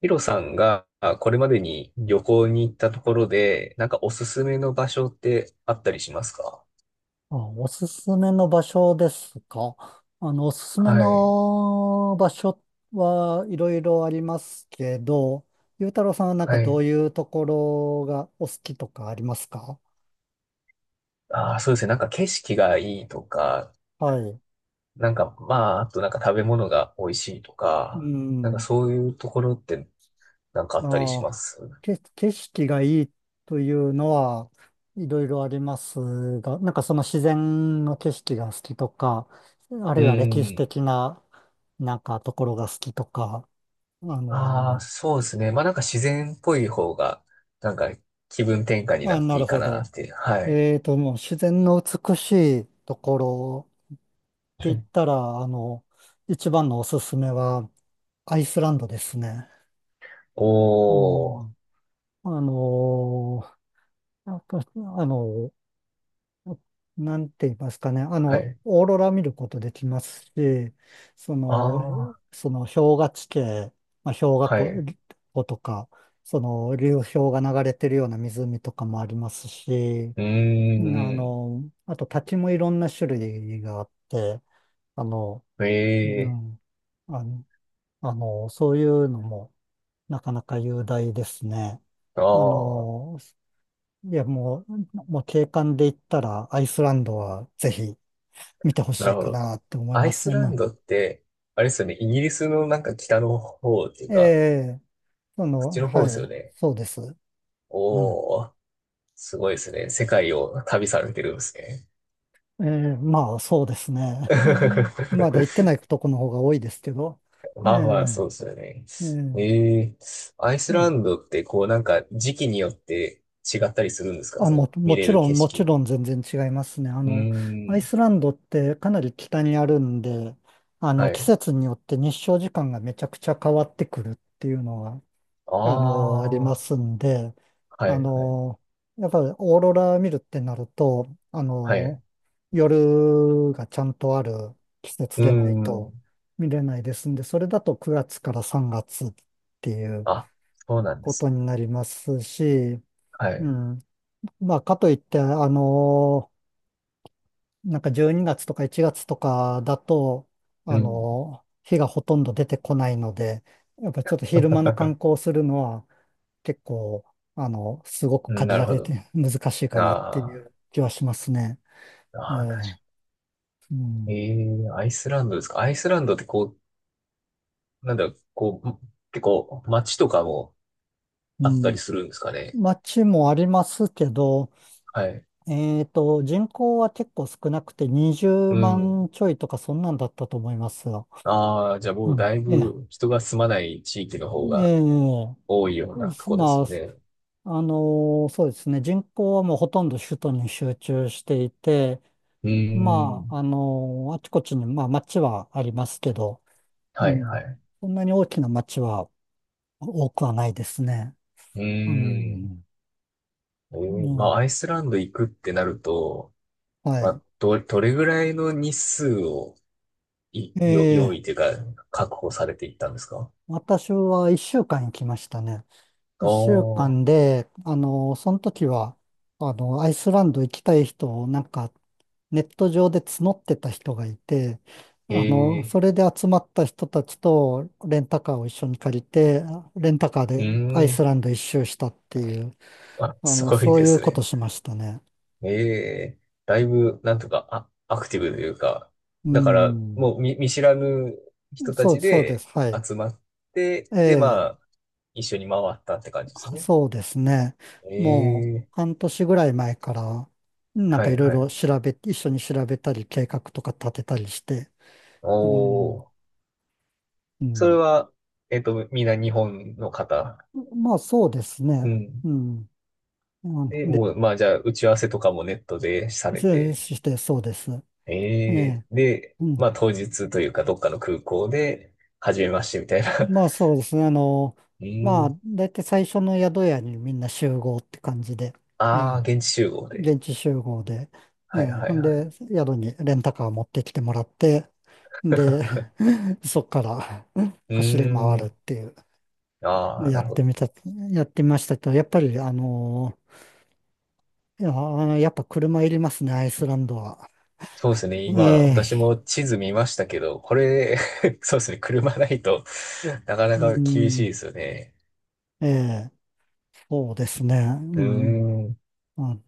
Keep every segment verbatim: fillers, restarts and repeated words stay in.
ヒロさんがあこれまでに旅行に行ったところで、なんかおすすめの場所ってあったりしますか？あ、おすすめの場所ですか。あの、おすすめはい。の場所はいろいろありますけど、ゆうたろうさんはなんかはどい。ういうところがお好きとかありますか？ああ、そうですね。なんか景色がいいとか、はい。なんかまあ、あとなんか食べ物が美味しいとうか、なんかん。そういうところってなんかあったりあしあ、ます？け、景色がいいというのはいろいろありますが、なんかその自然の景色が好きとか、あるういは歴史ん。的ななんかところが好きとか、あああ、の、そうですね。まあなんか自然っぽい方が、なんか気分転換になあ、っなているいかほなど。って。はい。えーと、もう自然の美しいところっうて言っん。たら、あの、一番のおすすめはアイスランドですね。うおー。ん、あのー、やっぱあの、なんて言いますかね、あはの、い。オーロラ見ることできますし、その、ああ、その氷河地形、まあ、氷河は湖い。湖とか、その流氷が流れてるような湖とかもありますし、うーうんあん。の、あと立ちもいろんな種類があって、あの、うええ。ん、あの、あの、そういうのもなかなか雄大ですね。あああー、の、いや、もう、もう景観で言ったらアイスランドはぜひ見てほしなるいほかど。なって思いアまイすスラね。ンドって、あれですよね、イギリスのなんか北の方っていうえか、え、そそっの、ちはの方ですよい、ね。そうです。うん。おー、すごいですね。世界を旅されてるんですね。ええ、まあ、そうですね。うん まだ行ってないとこの方が多いですけど。ええ、まあまあ、そうですよね。ええ。ええ。アイスそラうンドってこうなんか時期によって違ったりするんですか、あ、そのも、見もれちるろ景ん、もち色？ろん全然違いますね。あうの、アーイん。スランドってかなり北にあるんで、あはの、季い。節によって日照時間がめちゃくちゃ変わってくるっていうのは、あの、ありまああ、すんで、はあい、はい、の、やっぱりオーロラ見るってなると、あはい。うの、夜がちゃんとある季節ーでないん。と見れないですんで、それだとくがつからさんがつっていうあ、そうなんでことす。になりますし、はうい。ん。まあ、かといって、あのーなんかじゅうにがつとかいちがつとかだと、あうん。のー日がほとんど出てこないので、やっぱちょっと昼間の観光をするのは結構、あの、すごくうん、限なるらほれど。て 難しいかなっていあう気はしますね。ーえあえうー、ん。えーアイスランドですか。アイスランドってこう、なんだろう、こう、結構街とかもうあったん。りするんですかね。街もありますけど、はい。えっと、人口は結構少なくて20うん。万ちょいとかそんなんだったと思いますよ。ああ、じゃあもううん。だいええぶ人が住まない地域のえ方がえ多いようなとこですまよね。あ、あのーそうですね。人口はもうほとんど首都に集中していて、うーまあ、ん。あのーあちこちに、まあ、町はありますけど、うはい、はん。い。そんなに大きな町は多くはないですね。ううーん。ん。えうーまあ、ん、アイスランド行くってなると、はまい。あ、ど、どれぐらいの日数をい、よ、用ええ意というか、確保されていったんですか？私は一週間行きましたね。一週おー、間で、あのその時は、あの、アイスランド行きたい人をなんかネット上で募ってた人がいて、あの、そええ。れで集まった人たちとレンタカーを一緒に借りて、レンタカーうでーアイスん、ランド一周したっていう、あ、あすの、ごいそうでいうすことね。しましたね。ええ。だいぶ、なんとか、あ、アクティブというか、うだから、ん。もう見、見知らぬ人たそう、ちそうです。ではい。集まって、えで、まえ、あ、一緒に回ったって感じですね。そうですね。もうええ。半年ぐらい前から、なんはかいいろいはろい。調べ、一緒に調べたり、計画とか立てたりして、おうん、ー、うそれん。は、えっと、みんな日本の方？まあそうですうね。ん。うん。うんで、もでう、まあ、じゃあ、打ち合わせとかもネットでされそうて。して、そうです。えええ。え。で、うん。まあ当日というかどっかの空港で、初めましてみたいな。まあそうですね。あの、うーまあ、ん。だいたい最初の宿屋にみんな集合って感じで、えああ、え、現地集合で。現地集合で、えはいえ、はほいんはい。で、宿にレンタカー持ってきてもらって、で、そっから うー走り回るっん。ていう、ああ、やなるっほてど。みた、やってみましたけど、やっぱり、あの、いや、やっぱ車いりますね、アイスランドは。そうですね。え今、私え、も地図見ましたけど、これ、そうですね。車ないと、なかなうか厳しいん、ですよね。ええ、そうですね。ううーんん。あ、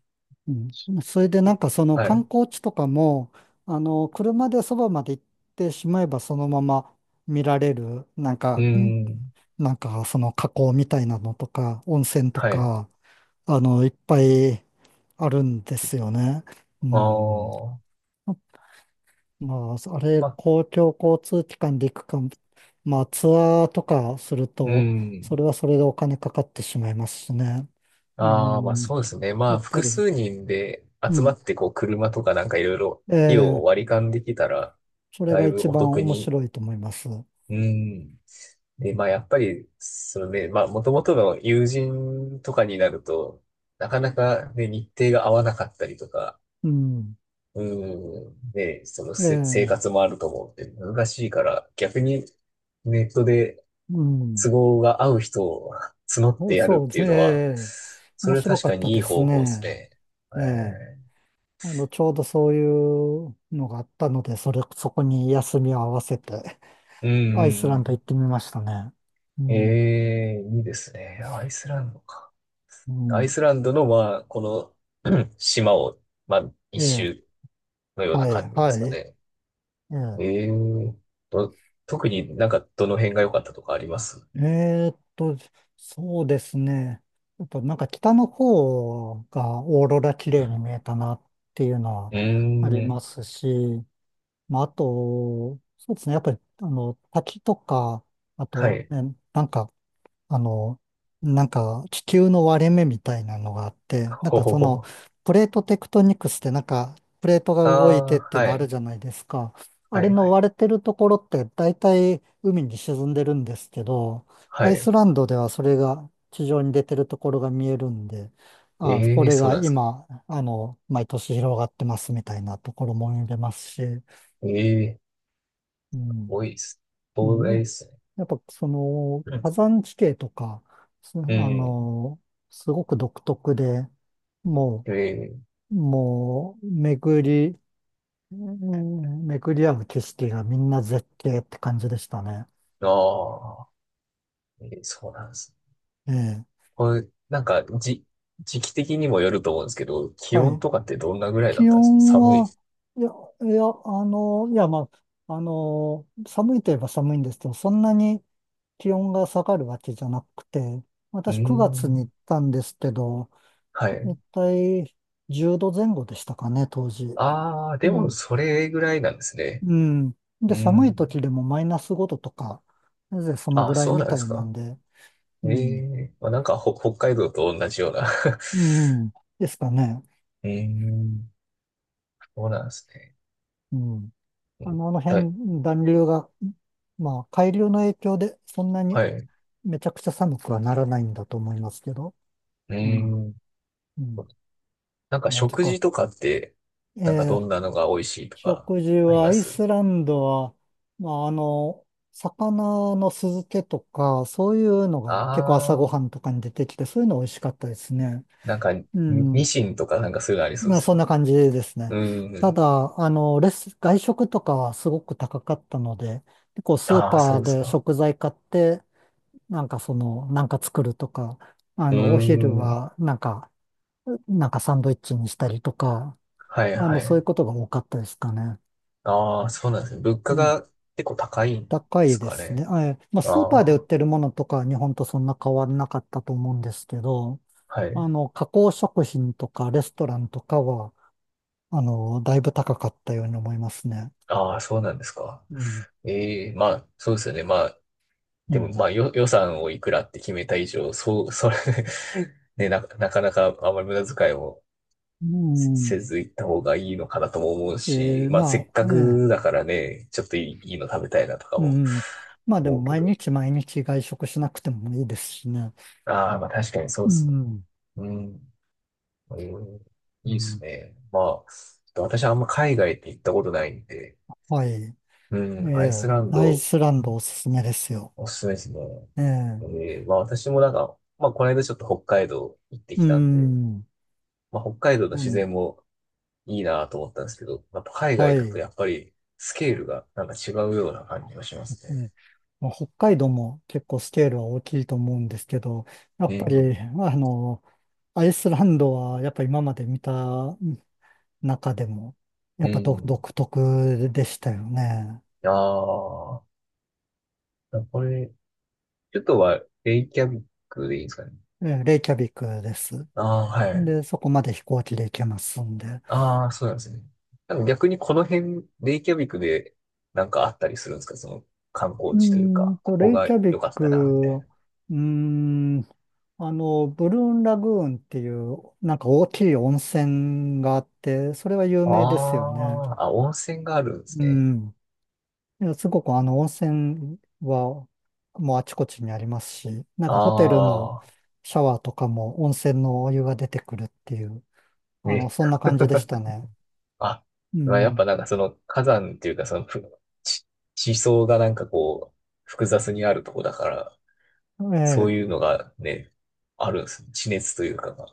うん。それでなんかそのはい。観う光地とかも、あの、車でそばまで行ってしまえばそのまま見られる、なんーか、んん。なんかその河口みたいなのとか、温泉とはい。か、あの、いっぱいあるんですよね。うあん。あ。まあ、あれ、まあ、公共交通機関で行くか、まあ、ツアーとかするうと、ーそれん。はそれでお金かかってしまいますしね。うああ、まあん。そうですね。まやあっぱ複り、数人でう集まん。ってこう車とかなんかいろいろ費用えをえ割り勘できたらそれだがい一ぶお番得面に。白いと思います。うん。で、まあやっぱり、そのね、まあもともとの友人とかになると、なかなかね、日程が合わなかったりとか、うん。うん。ね、そのえせ生え、活もあると思うんで難しいから、逆にネットでう都ん。合が合う人を 募っておやるそっうでてすいうね。えのは、えそ面れは白確かかったにいでいす方法ですね。ね。ええ。えあの、ちょうどそういうのがあったので、それ、そこに休みを合わせて、ー、うんうアイスランドん行ってみましたね。ううん。えん。え。いいですね。アイスランドか。うアん。イスランドの、まあ、この、うん、 島を、まあ、一ええ。周のようなは感い。じではすい。かね。ええ。ええと、特になんかどの辺が良かったとかあります？えーっと、そうですね。やっぱなんか北の方がオーロラ綺麗に見えたなっていうのはうありーまん。すし、まあ、あと、そうですね。やっぱり、あの、滝とか、あはと、い。ね、なんか、あの、なんか、地球の割れ目みたいなのがあって、なんほかほその、ほ。プレートテクトニクスって、なんか、プレートがあ動いてあ、っていうはのあるい。じゃないですか。あはれい、はのい。割れてるところって、大体海に沈んでるんですけど、はアイスい。ランドではそれが地上に出てるところが見えるんで、あ、こええ、れそうがなんですか。今、あの、毎年広がってますみたいなところも見れますし、ええ。うん多いです。う東ん、大でねすね。やっぱそのうん。火山地形とか、そあうの、すごく独特で、もん。えう、もう、巡り、うん巡り合う景色がみんな絶景って感じでしたね。ー、ああ、えーそうなんですね。ええ。これ、なんか、じ、時期的にもよると思うんですけど、気は温い。とかってどんなぐらいだっ気たんですか、温寒い？は、いや、いや、あの、いや、まあ、あの、寒いといえば寒いんですけど、そんなに気温が下がるわけじゃなくて、うー私くがつに行ん。ったんですけど、はい。一体じゅうどぜんごでしたかね、当時。ああ、うでも、ん。それぐらいなんですね。うん。うで、ー寒いん。時でもマイナスごどとか、なぜそのぐあ、らいそうなみんたですいなか。んで、うえん。え、まあ、なんか、ほ、北海道と同じような うん。ですかね。うーん。そうなんですね。うん。うあん。の、あのだ、辺、暖流が、まあ、海流の影響でそんなにはい。うめちゃくちゃ寒くはならないんだと思いますけど。ーうん。ん。うん。なんかあ、て食か、事とかって、なんかえどんーなのが美味しいとか食事ありは、まアイす？スランドは、まあ、あの、魚の酢漬けとか、そういうのあが結構朝あごー、はんとかに出てきて、そういうの美味しかったですね。なんかニ、うん。ニシンとかなんかそういうのありそうまであ、すよそんね。な感じですね。うんうたん。だ、あの、レス、外食とかはすごく高かったので、結構スーああ、そパうーですでか。食材買って、なんかその、なんか作るとか、あうーの、お昼ん。はなんか、なんかサンドイッチにしたりとか、はいあはの、そういうい。ことが多かったですかね。ああ、そうなんですね。物う価んが結構高いんで高いすでかすね。ね。あえまあ、あスーパーで売っあ、てるものとかは日本とそんな変わらなかったと思うんですけど、はい。あの、加工食品とかレストランとかは、あの、だいぶ高かったように思いますね。ああ、そうなんですか。うん。ええ、まあ、そうですよね。まあ、うでも、ん。まあ、よ、予算をいくらって決めた以上、そう、それ ね、な、なかなかあんまり無駄遣いもうせせんず行った方がいいのかなとも思うえし、ーまあせまっかあ、えくだえからね、ちょっといい、いいの食べたいなとかうもん。まあで思もうけ毎ど。日毎日外食しなくてもいいですしね。ああ、まあ確かにそううですね。ん。うん。うん。ういいですん。ね。まあ、私あんま海外って行ったことないんで、はい。うえん、アえイスランアイドスランドおすすめですよ。おすすめですね。えええーまあ私もなんか、まあこの間ちょっと北海道行ってうきたんで、ん。まあ北海道のあ自の、然もいいなと思ったんですけど、やっぱ海外はだとい。やっぱりスケールがなんか違うような感じがしますね。ねまあ、北海道も結構スケールは大きいと思うんですけど、やっえぱえ、り、まああの、アイスランドはやっぱ今まで見た中でも、やうっぱ独ん。独特でしたよね。ああ、これ、ちょっとは、レイキャビックでいいんですかね。えレイキャビクです。ああ、はい。で、そこまで飛行機で行けますんで。ああ、そうなんですね。なんか逆にこの辺、レイキャビックで、なんかあったりするんですかその、観う光地というーんか、と、ここレイキがャビ良かっク、たな、みたいうな。ーん、あの、ブルーンラグーンっていう、なんか大きい温泉があって、それは有名ですあよね。あ、あ、温泉があるんですうね。ん。いや、すごくあの温泉はもうあちこちにありますし、なんかホテルのあシャワーとかも温泉のお湯が出てくるっていう、あ、あの、え、そんな感じでしたね。あ、うまあ、やっぱん。なんかその、火山っていうか、その、ふ、地、地層がなんかこう、複雑にあるとこだから、そうえいうえのがね、あるんですね。地熱というかが。